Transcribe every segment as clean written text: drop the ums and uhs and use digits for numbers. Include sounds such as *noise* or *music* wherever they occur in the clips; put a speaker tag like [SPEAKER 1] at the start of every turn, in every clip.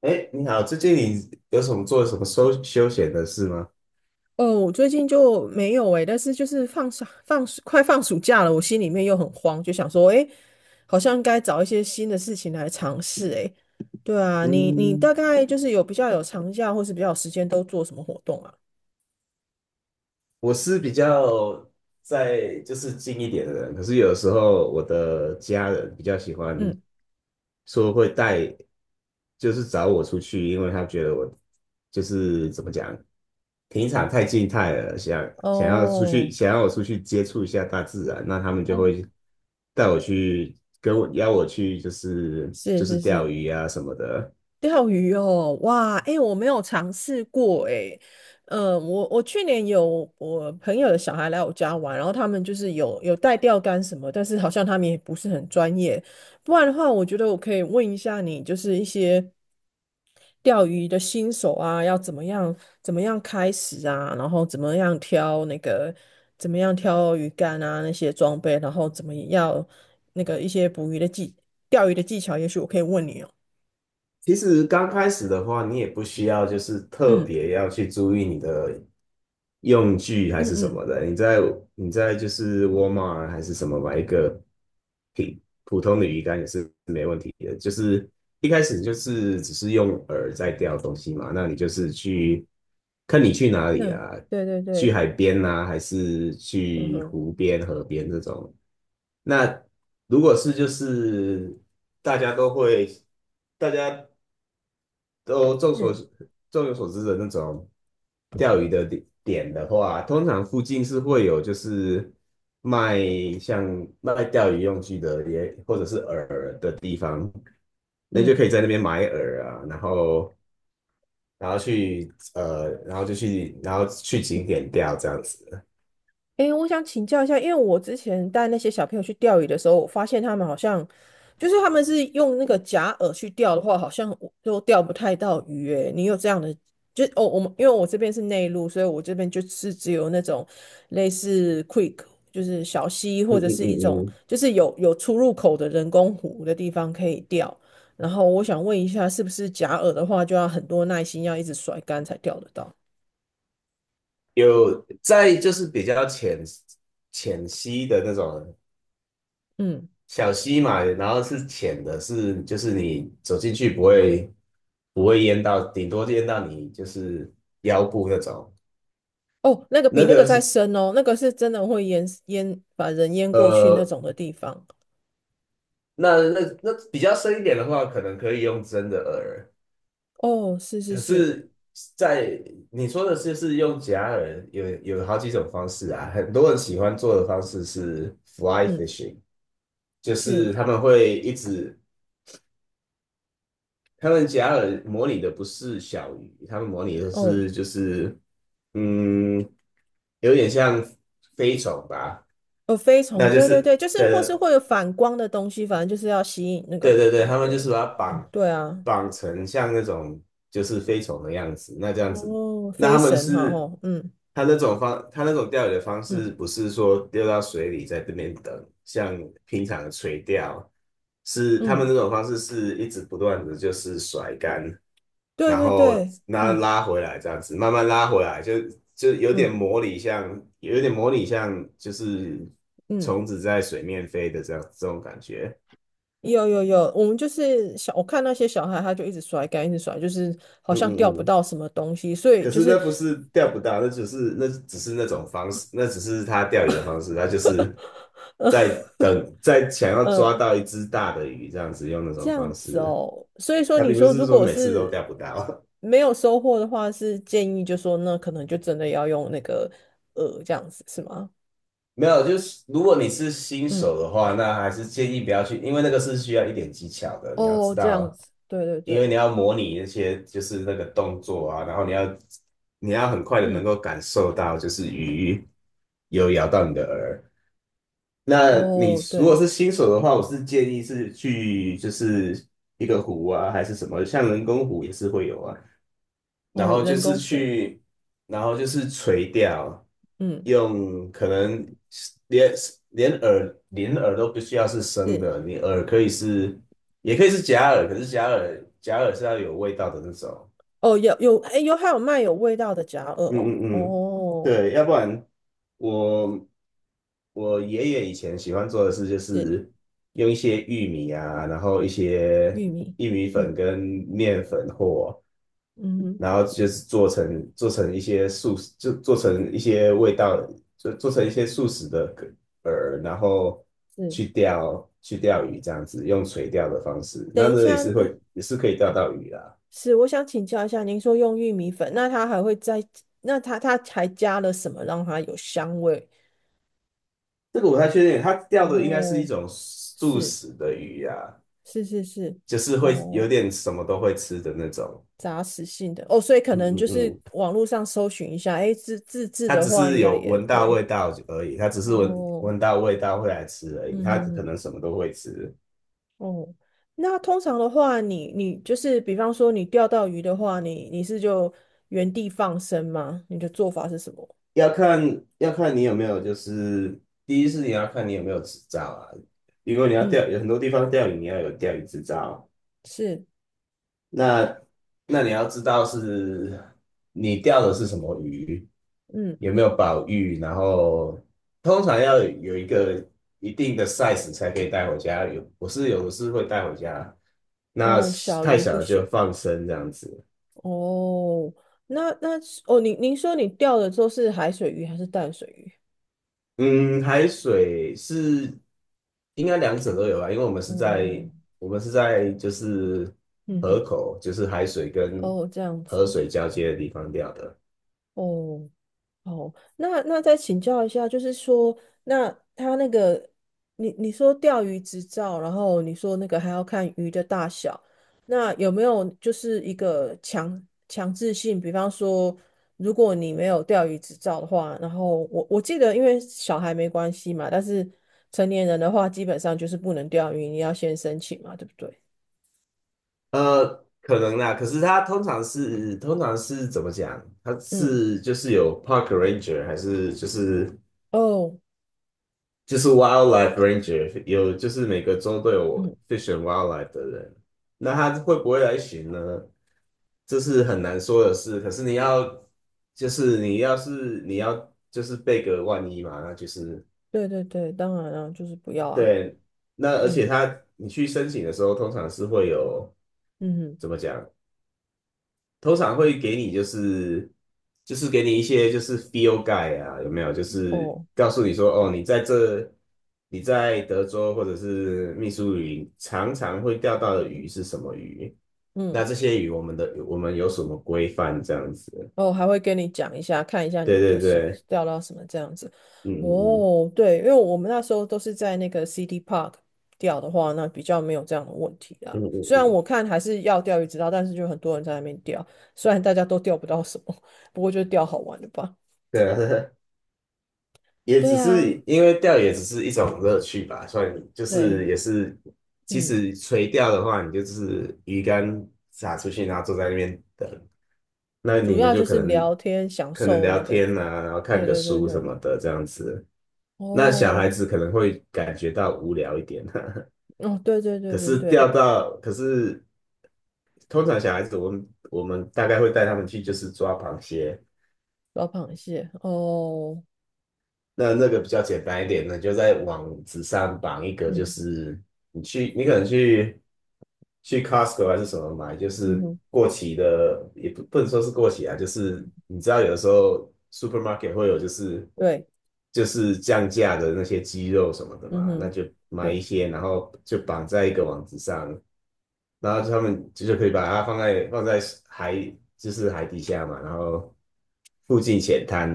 [SPEAKER 1] 哎，你好，最近你有什么休休闲的事吗？
[SPEAKER 2] 哦，我最近就没有诶，但是就是放暑放暑快放暑假了，我心里面又很慌，就想说，诶，好像该找一些新的事情来尝试诶。对啊，你
[SPEAKER 1] 嗯，
[SPEAKER 2] 大概就是有比较有长假或是比较有时间都做什么活动啊？
[SPEAKER 1] 我是比较在就是近一点的人，可是有时候我的家人比较喜欢
[SPEAKER 2] 嗯，
[SPEAKER 1] 说会带，就是找我出去，因为他觉得我就是怎么讲，平常太静态了，想要出去，
[SPEAKER 2] 哦，
[SPEAKER 1] 想要我出去接触一下大自然，那他们就
[SPEAKER 2] 哦，
[SPEAKER 1] 会带我去邀我去，就是
[SPEAKER 2] 是
[SPEAKER 1] 就是
[SPEAKER 2] 是
[SPEAKER 1] 钓
[SPEAKER 2] 是，
[SPEAKER 1] 鱼啊什么的。
[SPEAKER 2] 钓鱼哦，哇，哎、我没有尝试过、诶哎，我去年有我朋友的小孩来我家玩，然后他们就是有带钓竿什么，但是好像他们也不是很专业，不然的话，我觉得我可以问一下你，就是一些钓鱼的新手啊，要怎么样开始啊，然后怎么样挑鱼竿啊那些装备，然后怎么样那个一些捕鱼的技钓鱼的技巧，也许我可以问你哦。
[SPEAKER 1] 其实刚开始的话，你也不需要就是特
[SPEAKER 2] 嗯
[SPEAKER 1] 别要去注意你的用具还
[SPEAKER 2] 嗯
[SPEAKER 1] 是什
[SPEAKER 2] 嗯
[SPEAKER 1] 么的。你在就是 Walmart 还是什么买一个平普通的鱼竿也是没问题的。就是一开始就是只是用饵在钓东西嘛，那你就是去看你去哪里
[SPEAKER 2] 嗯，
[SPEAKER 1] 啊，
[SPEAKER 2] 对对
[SPEAKER 1] 去
[SPEAKER 2] 对，
[SPEAKER 1] 海边啊，还是
[SPEAKER 2] 嗯
[SPEAKER 1] 去
[SPEAKER 2] 哼，
[SPEAKER 1] 湖边、河边这种。那如果是就是大家都会，大家都众所
[SPEAKER 2] 是，
[SPEAKER 1] 众有所知的那种钓鱼的点的话，通常附近是会有就是卖像卖钓鱼用具的或者是饵的地方，那就
[SPEAKER 2] 嗯，
[SPEAKER 1] 可以在那边买饵啊，然后然后去呃，然后就去然后去景点钓这样子。
[SPEAKER 2] 诶，我想请教一下，因为我之前带那些小朋友去钓鱼的时候，我发现他们好像，就是他们是用那个假饵去钓的话，好像我都钓不太到鱼。诶，你有这样的，就哦，我们因为我这边是内陆，所以我这边就是只有那种类似 quick 就是小溪
[SPEAKER 1] 嗯
[SPEAKER 2] 或者
[SPEAKER 1] 嗯
[SPEAKER 2] 是一种
[SPEAKER 1] 嗯嗯，
[SPEAKER 2] 就是有出入口的人工湖的地方可以钓。然后我想问一下，是不是假饵的话，就要很多耐心，要一直甩竿才钓得到？
[SPEAKER 1] 有在就是比较浅溪的那种
[SPEAKER 2] 嗯，
[SPEAKER 1] 小溪嘛，然后是浅的是，就是你走进去不会淹到，顶多淹到你就是腰部那种。
[SPEAKER 2] 哦，那个比
[SPEAKER 1] 那
[SPEAKER 2] 那个
[SPEAKER 1] 个
[SPEAKER 2] 再
[SPEAKER 1] 是
[SPEAKER 2] 深哦，那个是真的会把人淹过去那
[SPEAKER 1] 呃，
[SPEAKER 2] 种的地方。
[SPEAKER 1] 那比较深一点的话，可能可以用真的饵。
[SPEAKER 2] 哦，是是
[SPEAKER 1] 可
[SPEAKER 2] 是，
[SPEAKER 1] 是在，你说的是用假饵，有好几种方式啊。很多人喜欢做的方式是 fly
[SPEAKER 2] 嗯，
[SPEAKER 1] fishing，就是
[SPEAKER 2] 是
[SPEAKER 1] 他们会一直，他们假饵模拟的不是小鱼，他们模拟的
[SPEAKER 2] 哦，
[SPEAKER 1] 是就是嗯，有点像飞虫吧，
[SPEAKER 2] 飞
[SPEAKER 1] 那
[SPEAKER 2] 虫，
[SPEAKER 1] 就
[SPEAKER 2] 对对
[SPEAKER 1] 是
[SPEAKER 2] 对，就是或是
[SPEAKER 1] 的。
[SPEAKER 2] 会有反光的东西，反正就是要吸引那个
[SPEAKER 1] 对对
[SPEAKER 2] 鱼
[SPEAKER 1] 对，
[SPEAKER 2] 就
[SPEAKER 1] 他们
[SPEAKER 2] 对
[SPEAKER 1] 就
[SPEAKER 2] 了
[SPEAKER 1] 是把它绑
[SPEAKER 2] 对啊，
[SPEAKER 1] 绑成像那种就是飞虫的样子。那这样子，
[SPEAKER 2] 哦，
[SPEAKER 1] 那
[SPEAKER 2] 飞
[SPEAKER 1] 他们
[SPEAKER 2] 神哈，
[SPEAKER 1] 是
[SPEAKER 2] 哦，嗯
[SPEAKER 1] 他那种钓鱼的方
[SPEAKER 2] 嗯
[SPEAKER 1] 式不是说丢到水里在这边等，像平常的垂钓，是他们
[SPEAKER 2] 嗯，
[SPEAKER 1] 那种方式是一直不断的就是甩竿，
[SPEAKER 2] 对
[SPEAKER 1] 然
[SPEAKER 2] 对
[SPEAKER 1] 后
[SPEAKER 2] 对，
[SPEAKER 1] 拉
[SPEAKER 2] 嗯
[SPEAKER 1] 拉回来这样子，慢慢拉回来，就有点
[SPEAKER 2] 嗯
[SPEAKER 1] 模拟像，有点模拟像就是
[SPEAKER 2] 嗯，
[SPEAKER 1] 虫子在水面飞的这样这种感觉。
[SPEAKER 2] 有有有，我们就是小，我看那些小孩，他就一直甩竿，一直甩，就是好
[SPEAKER 1] 嗯
[SPEAKER 2] 像钓
[SPEAKER 1] 嗯
[SPEAKER 2] 不
[SPEAKER 1] 嗯
[SPEAKER 2] 到什么东西，所以
[SPEAKER 1] 可
[SPEAKER 2] 就
[SPEAKER 1] 是
[SPEAKER 2] 是。
[SPEAKER 1] 那不是钓不到，那只是那种方式，那只是他钓鱼的方式，他就是
[SPEAKER 2] *laughs*
[SPEAKER 1] 在
[SPEAKER 2] 嗯
[SPEAKER 1] 等，在想要抓
[SPEAKER 2] 嗯
[SPEAKER 1] 到一只大的鱼，这样子用那
[SPEAKER 2] 这
[SPEAKER 1] 种
[SPEAKER 2] 样
[SPEAKER 1] 方
[SPEAKER 2] 子
[SPEAKER 1] 式。
[SPEAKER 2] 哦，所以说
[SPEAKER 1] 他
[SPEAKER 2] 你
[SPEAKER 1] 并不
[SPEAKER 2] 说
[SPEAKER 1] 是
[SPEAKER 2] 如
[SPEAKER 1] 说
[SPEAKER 2] 果
[SPEAKER 1] 每次都
[SPEAKER 2] 是
[SPEAKER 1] 钓不到。
[SPEAKER 2] 没有收获的话，是建议就说那可能就真的要用这样子是吗？
[SPEAKER 1] *laughs* 没有，就是如果你是新
[SPEAKER 2] 嗯，
[SPEAKER 1] 手的话，那还是建议不要去，因为那个是需要一点技巧的，你要
[SPEAKER 2] 哦，
[SPEAKER 1] 知
[SPEAKER 2] 这样
[SPEAKER 1] 道，
[SPEAKER 2] 子，对对
[SPEAKER 1] 因为
[SPEAKER 2] 对，
[SPEAKER 1] 你要模拟那些就是那个动作啊，然后你要很快的能
[SPEAKER 2] 嗯，
[SPEAKER 1] 够感受到就是鱼有咬到你的饵。那你
[SPEAKER 2] 哦
[SPEAKER 1] 如果
[SPEAKER 2] 对，
[SPEAKER 1] 是新手的话，我是建议是去就是一个湖啊，还是什么，像人工湖也是会有啊。然
[SPEAKER 2] 哦
[SPEAKER 1] 后就
[SPEAKER 2] 人
[SPEAKER 1] 是
[SPEAKER 2] 工湖，
[SPEAKER 1] 去，然后就是垂钓，
[SPEAKER 2] 嗯
[SPEAKER 1] 用可能连连饵都不需要是生
[SPEAKER 2] 是，
[SPEAKER 1] 的，你饵可以是也可以是假饵，可是假饵是要有味道的那种。
[SPEAKER 2] 哦有哎有还有卖有味道的夹耳
[SPEAKER 1] 嗯
[SPEAKER 2] 哦，
[SPEAKER 1] 嗯嗯，
[SPEAKER 2] 哦
[SPEAKER 1] 对，要不然我我爷爷以前喜欢做的事就
[SPEAKER 2] 是
[SPEAKER 1] 是用一些玉米啊，然后一些
[SPEAKER 2] 玉米，
[SPEAKER 1] 玉米
[SPEAKER 2] 嗯
[SPEAKER 1] 粉跟面粉或，
[SPEAKER 2] 嗯哼
[SPEAKER 1] 然后就是做成一些素食，就做成一些味道，就做成一些素食的饵，然后
[SPEAKER 2] 是，
[SPEAKER 1] 去钓鱼这样子，用垂钓的方式，
[SPEAKER 2] 等
[SPEAKER 1] 那
[SPEAKER 2] 一
[SPEAKER 1] 那也
[SPEAKER 2] 下，
[SPEAKER 1] 是
[SPEAKER 2] 那
[SPEAKER 1] 可以钓到鱼啦。
[SPEAKER 2] 是，我想请教一下，您说用玉米粉，那它还会再，那它还加了什么让它有香味？
[SPEAKER 1] 这个我不太确定，它钓的应该是一
[SPEAKER 2] 哦，
[SPEAKER 1] 种素
[SPEAKER 2] 是
[SPEAKER 1] 食的鱼呀，
[SPEAKER 2] 是是是，
[SPEAKER 1] 就是会有
[SPEAKER 2] 哦，
[SPEAKER 1] 点什么都会吃的那种。
[SPEAKER 2] 杂食性的，哦，所以可
[SPEAKER 1] 嗯
[SPEAKER 2] 能
[SPEAKER 1] 嗯
[SPEAKER 2] 就是
[SPEAKER 1] 嗯，
[SPEAKER 2] 网络上搜寻一下，诶，自制
[SPEAKER 1] 它
[SPEAKER 2] 的
[SPEAKER 1] 只
[SPEAKER 2] 话应
[SPEAKER 1] 是
[SPEAKER 2] 该
[SPEAKER 1] 有
[SPEAKER 2] 也
[SPEAKER 1] 闻到
[SPEAKER 2] 对，
[SPEAKER 1] 味道而已，它只是闻
[SPEAKER 2] 哦，
[SPEAKER 1] 闻到味道会来吃而已，
[SPEAKER 2] 嗯
[SPEAKER 1] 它
[SPEAKER 2] 哼
[SPEAKER 1] 可
[SPEAKER 2] 哼，
[SPEAKER 1] 能什么都会吃。
[SPEAKER 2] 哦，那通常的话你就是比方说你钓到鱼的话，你是就原地放生吗？你的做法是什么？
[SPEAKER 1] 要看你有没有，就是第一是你要看你有没有执照啊，因为你要
[SPEAKER 2] 嗯，
[SPEAKER 1] 钓，有很多地方钓鱼你要有钓鱼执照，
[SPEAKER 2] 是，
[SPEAKER 1] 那那你要知道是你钓的是什么鱼。
[SPEAKER 2] 嗯，
[SPEAKER 1] 有没有保育，然后通常要有一个一定的 size 才可以带回家。我是有的是会带回家，那
[SPEAKER 2] 哦，小
[SPEAKER 1] 太
[SPEAKER 2] 鱼
[SPEAKER 1] 小
[SPEAKER 2] 不
[SPEAKER 1] 了就
[SPEAKER 2] 行。
[SPEAKER 1] 放生这样子。
[SPEAKER 2] 哦，那是哦，您说你钓的都是海水鱼还是淡水鱼？
[SPEAKER 1] 嗯，海水是应该两者都有吧，因为我们是在
[SPEAKER 2] 哦，
[SPEAKER 1] 我们是在就是
[SPEAKER 2] 嗯
[SPEAKER 1] 河
[SPEAKER 2] 哼，
[SPEAKER 1] 口，就是海水跟
[SPEAKER 2] 哦，这样
[SPEAKER 1] 河
[SPEAKER 2] 子，
[SPEAKER 1] 水交接的地方钓的。
[SPEAKER 2] 哦，哦，那再请教一下，就是说，那他那个，你说钓鱼执照，然后你说那个还要看鱼的大小，那有没有就是一个强制性？比方说，如果你没有钓鱼执照的话，然后我记得，因为小孩没关系嘛，但是成年人的话，基本上就是不能钓鱼，你要先申请嘛，对不对？
[SPEAKER 1] 呃，可能啦，可是它通常是怎么讲？它
[SPEAKER 2] 嗯，
[SPEAKER 1] 是就是有 park ranger 还是
[SPEAKER 2] 哦，
[SPEAKER 1] 就是 wildlife ranger，有就是每个州都有
[SPEAKER 2] 嗯，
[SPEAKER 1] fish and wildlife 的人，那他会不会来巡呢？这是很难说的事。可是你要，你要就是备个万一嘛，那就是
[SPEAKER 2] 对对对，当然啊，就是不要啊，
[SPEAKER 1] 对。那而且
[SPEAKER 2] 嗯
[SPEAKER 1] 他你去申请的时候，通常是会有
[SPEAKER 2] 嗯哼，
[SPEAKER 1] 怎么讲？通常会给你就是就是给你一些就是 feel guide 啊，有没有？就是
[SPEAKER 2] 哦，
[SPEAKER 1] 告诉你说，哦，你在德州或者是密苏里常常会钓到的鱼是什么鱼？那
[SPEAKER 2] 嗯。
[SPEAKER 1] 这些鱼我们有什么规范这样子？
[SPEAKER 2] 哦，还会跟你讲一下，看一下
[SPEAKER 1] 对
[SPEAKER 2] 你的
[SPEAKER 1] 对
[SPEAKER 2] 手
[SPEAKER 1] 对，
[SPEAKER 2] 掉到什么这样子。
[SPEAKER 1] 嗯嗯
[SPEAKER 2] 哦，对，因为我们那时候都是在那个 City Park 钓的话，那比较没有这样的问题啦。
[SPEAKER 1] 嗯嗯嗯
[SPEAKER 2] 虽然
[SPEAKER 1] 嗯，
[SPEAKER 2] 我看还是要钓鱼执照，但是就很多人在那边钓，虽然大家都钓不到什么，不过就钓好玩的吧。
[SPEAKER 1] 对啊。*laughs* 也
[SPEAKER 2] 对
[SPEAKER 1] 只是
[SPEAKER 2] 啊，
[SPEAKER 1] 因为钓也只是一种乐趣吧，所以就是
[SPEAKER 2] 对，
[SPEAKER 1] 也是，其
[SPEAKER 2] 嗯，
[SPEAKER 1] 实垂钓的话，你就是鱼竿撒出去，然后坐在那边等，那
[SPEAKER 2] 主
[SPEAKER 1] 你们
[SPEAKER 2] 要
[SPEAKER 1] 就
[SPEAKER 2] 就是聊天，享
[SPEAKER 1] 可能
[SPEAKER 2] 受
[SPEAKER 1] 聊
[SPEAKER 2] 那个，
[SPEAKER 1] 天啊，然后看
[SPEAKER 2] 对
[SPEAKER 1] 个
[SPEAKER 2] 对对
[SPEAKER 1] 书什
[SPEAKER 2] 对，
[SPEAKER 1] 么的这样子。那小孩
[SPEAKER 2] 哦，
[SPEAKER 1] 子可能会感觉到无聊一点。
[SPEAKER 2] 哦，对对
[SPEAKER 1] *laughs*
[SPEAKER 2] 对
[SPEAKER 1] 可
[SPEAKER 2] 对
[SPEAKER 1] 是钓
[SPEAKER 2] 对，
[SPEAKER 1] 到，可是通常小孩子我们大概会带他们去就是抓螃蟹，
[SPEAKER 2] 老螃蟹，哦，
[SPEAKER 1] 那那个比较简单一点呢，就在网址上绑一个，就
[SPEAKER 2] 嗯
[SPEAKER 1] 是你可能去 Costco 还是什么买，就
[SPEAKER 2] 嗯
[SPEAKER 1] 是
[SPEAKER 2] 哼，
[SPEAKER 1] 过期的，也不能说是过期啊，就是你知道有的时候 supermarket 会有
[SPEAKER 2] 对，
[SPEAKER 1] 就是降价的那些鸡肉什么的
[SPEAKER 2] 嗯
[SPEAKER 1] 嘛，那
[SPEAKER 2] 哼。
[SPEAKER 1] 就买一
[SPEAKER 2] 对，
[SPEAKER 1] 些，然后就绑在一个网址上，然后他们就是可以把它放在海，就是海底下嘛，然后附近浅滩，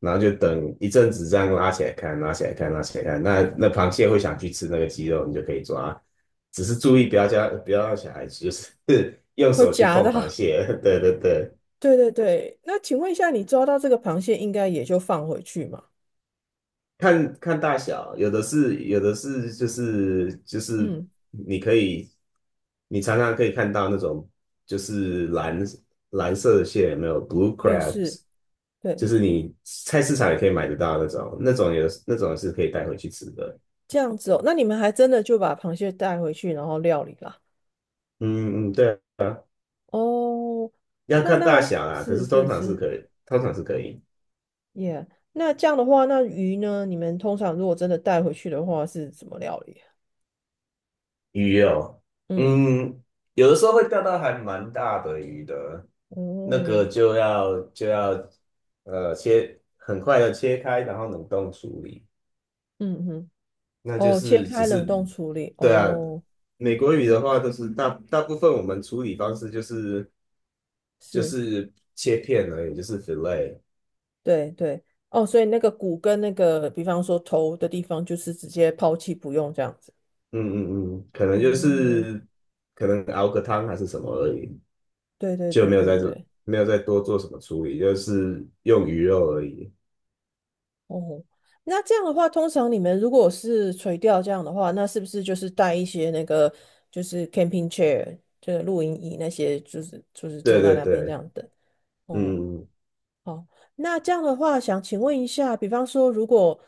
[SPEAKER 1] 然后就等一阵子这样拉起来看，拉起来看，拉起来看。那那螃蟹会想去吃那个鸡肉，你就可以抓，只是注意不要让小孩子就是 *laughs* 用
[SPEAKER 2] 会
[SPEAKER 1] 手去
[SPEAKER 2] 夹
[SPEAKER 1] 碰
[SPEAKER 2] 到。
[SPEAKER 1] 螃
[SPEAKER 2] *laughs*
[SPEAKER 1] 蟹。*laughs* 对对对，
[SPEAKER 2] 对对对，那请问一下，你抓到这个螃蟹，应该也就放回去嘛？
[SPEAKER 1] 看看大小，有的是就是
[SPEAKER 2] 嗯，
[SPEAKER 1] 你可以你常常可以看到那种就是蓝色的蟹，有没有 blue
[SPEAKER 2] 也是，
[SPEAKER 1] crabs。
[SPEAKER 2] 对，
[SPEAKER 1] 就是你菜市场也可以买得到那种，那种有那种是可以带回去吃的。
[SPEAKER 2] 这样子哦。那你们还真的就把螃蟹带回去，然后料理啦。
[SPEAKER 1] 嗯嗯，对啊，
[SPEAKER 2] 哦，
[SPEAKER 1] 要
[SPEAKER 2] 那
[SPEAKER 1] 看大
[SPEAKER 2] 那
[SPEAKER 1] 小啦，可
[SPEAKER 2] 是
[SPEAKER 1] 是通
[SPEAKER 2] 是
[SPEAKER 1] 常是
[SPEAKER 2] 是
[SPEAKER 1] 可以，通常是可以。
[SPEAKER 2] 耶。那这样的话，那鱼呢？你们通常如果真的带回去的话，是怎么料理啊？
[SPEAKER 1] 鱼哦，
[SPEAKER 2] 嗯，
[SPEAKER 1] 嗯，有的时候会钓到还蛮大的鱼的，那
[SPEAKER 2] 哦，
[SPEAKER 1] 个就要切，很快的切开，然后冷冻处理。
[SPEAKER 2] 嗯哼，
[SPEAKER 1] 那就
[SPEAKER 2] 哦，切
[SPEAKER 1] 是只
[SPEAKER 2] 开冷
[SPEAKER 1] 是，
[SPEAKER 2] 冻处理，
[SPEAKER 1] 对啊，
[SPEAKER 2] 哦，
[SPEAKER 1] 美国语的话都是大部分我们处理方式就是就
[SPEAKER 2] 是。
[SPEAKER 1] 是切片而已，就是 fillet，
[SPEAKER 2] 对对，哦，所以那个骨跟那个，比方说头的地方，就是直接抛弃不用这样子。
[SPEAKER 1] 嗯嗯嗯，
[SPEAKER 2] 嗯，
[SPEAKER 1] 可能熬个汤还是什么而已，
[SPEAKER 2] 对对
[SPEAKER 1] 就
[SPEAKER 2] 对对对，
[SPEAKER 1] 没有再多做什么处理，就是用鱼肉而已。
[SPEAKER 2] 哦，那这样的话，通常你们如果是垂钓这样的话，那是不是就是带一些那个就是 camping chair，就是露营椅那些，就是
[SPEAKER 1] 对
[SPEAKER 2] 坐在
[SPEAKER 1] 对
[SPEAKER 2] 那边这
[SPEAKER 1] 对，
[SPEAKER 2] 样等？
[SPEAKER 1] 嗯，
[SPEAKER 2] 哦，
[SPEAKER 1] 嗯嗯
[SPEAKER 2] 好，那这样的话，想请问一下，比方说，如果，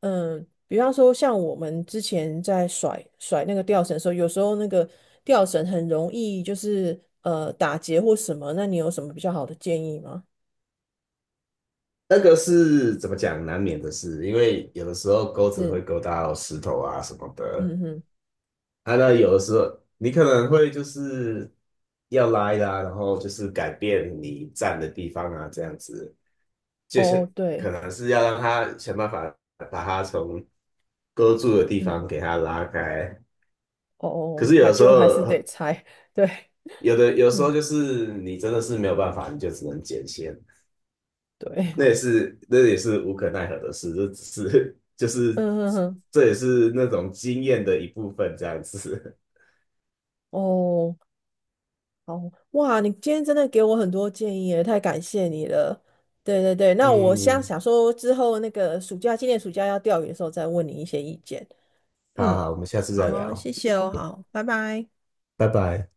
[SPEAKER 2] 嗯，比方说像我们之前在甩甩那个吊绳的时候，有时候那个吊绳很容易就是打结或什么，那你有什么比较好的建议吗？
[SPEAKER 1] 那个是怎么讲，难免的事，因为有的时候钩子
[SPEAKER 2] 是，
[SPEAKER 1] 会勾到石头啊什么的，
[SPEAKER 2] 嗯哼，
[SPEAKER 1] 啊，那有的时候你可能会就是要拉的啊，然后就是改变你站的地方啊，这样子，就
[SPEAKER 2] 哦，
[SPEAKER 1] 是可
[SPEAKER 2] 对，
[SPEAKER 1] 能是要让他想办法把他从勾住的地方
[SPEAKER 2] 嗯，
[SPEAKER 1] 给他拉开。
[SPEAKER 2] 哦
[SPEAKER 1] 可
[SPEAKER 2] 哦，
[SPEAKER 1] 是有
[SPEAKER 2] 还
[SPEAKER 1] 的时
[SPEAKER 2] 就还是得
[SPEAKER 1] 候，
[SPEAKER 2] 拆，*laughs* 对，
[SPEAKER 1] 有时
[SPEAKER 2] 嗯，
[SPEAKER 1] 候就是你真的是没有办法，你就只能剪线，
[SPEAKER 2] 对，
[SPEAKER 1] 那也是无可奈何的事，这只是 *laughs* 就是
[SPEAKER 2] 嗯哼哼，
[SPEAKER 1] 这也是那种经验的一部分，这样子。
[SPEAKER 2] 哦，哦，哇，你今天真的给我很多建议耶，太感谢你了。对对对，
[SPEAKER 1] *laughs*
[SPEAKER 2] 那我想
[SPEAKER 1] 嗯，
[SPEAKER 2] 想说之后那个暑假，今年暑假要钓鱼的时候再问你一些意见。
[SPEAKER 1] 好
[SPEAKER 2] 嗯，
[SPEAKER 1] 好，我们下次再
[SPEAKER 2] 好，
[SPEAKER 1] 聊，
[SPEAKER 2] 谢谢哦，好，拜拜。
[SPEAKER 1] 拜拜。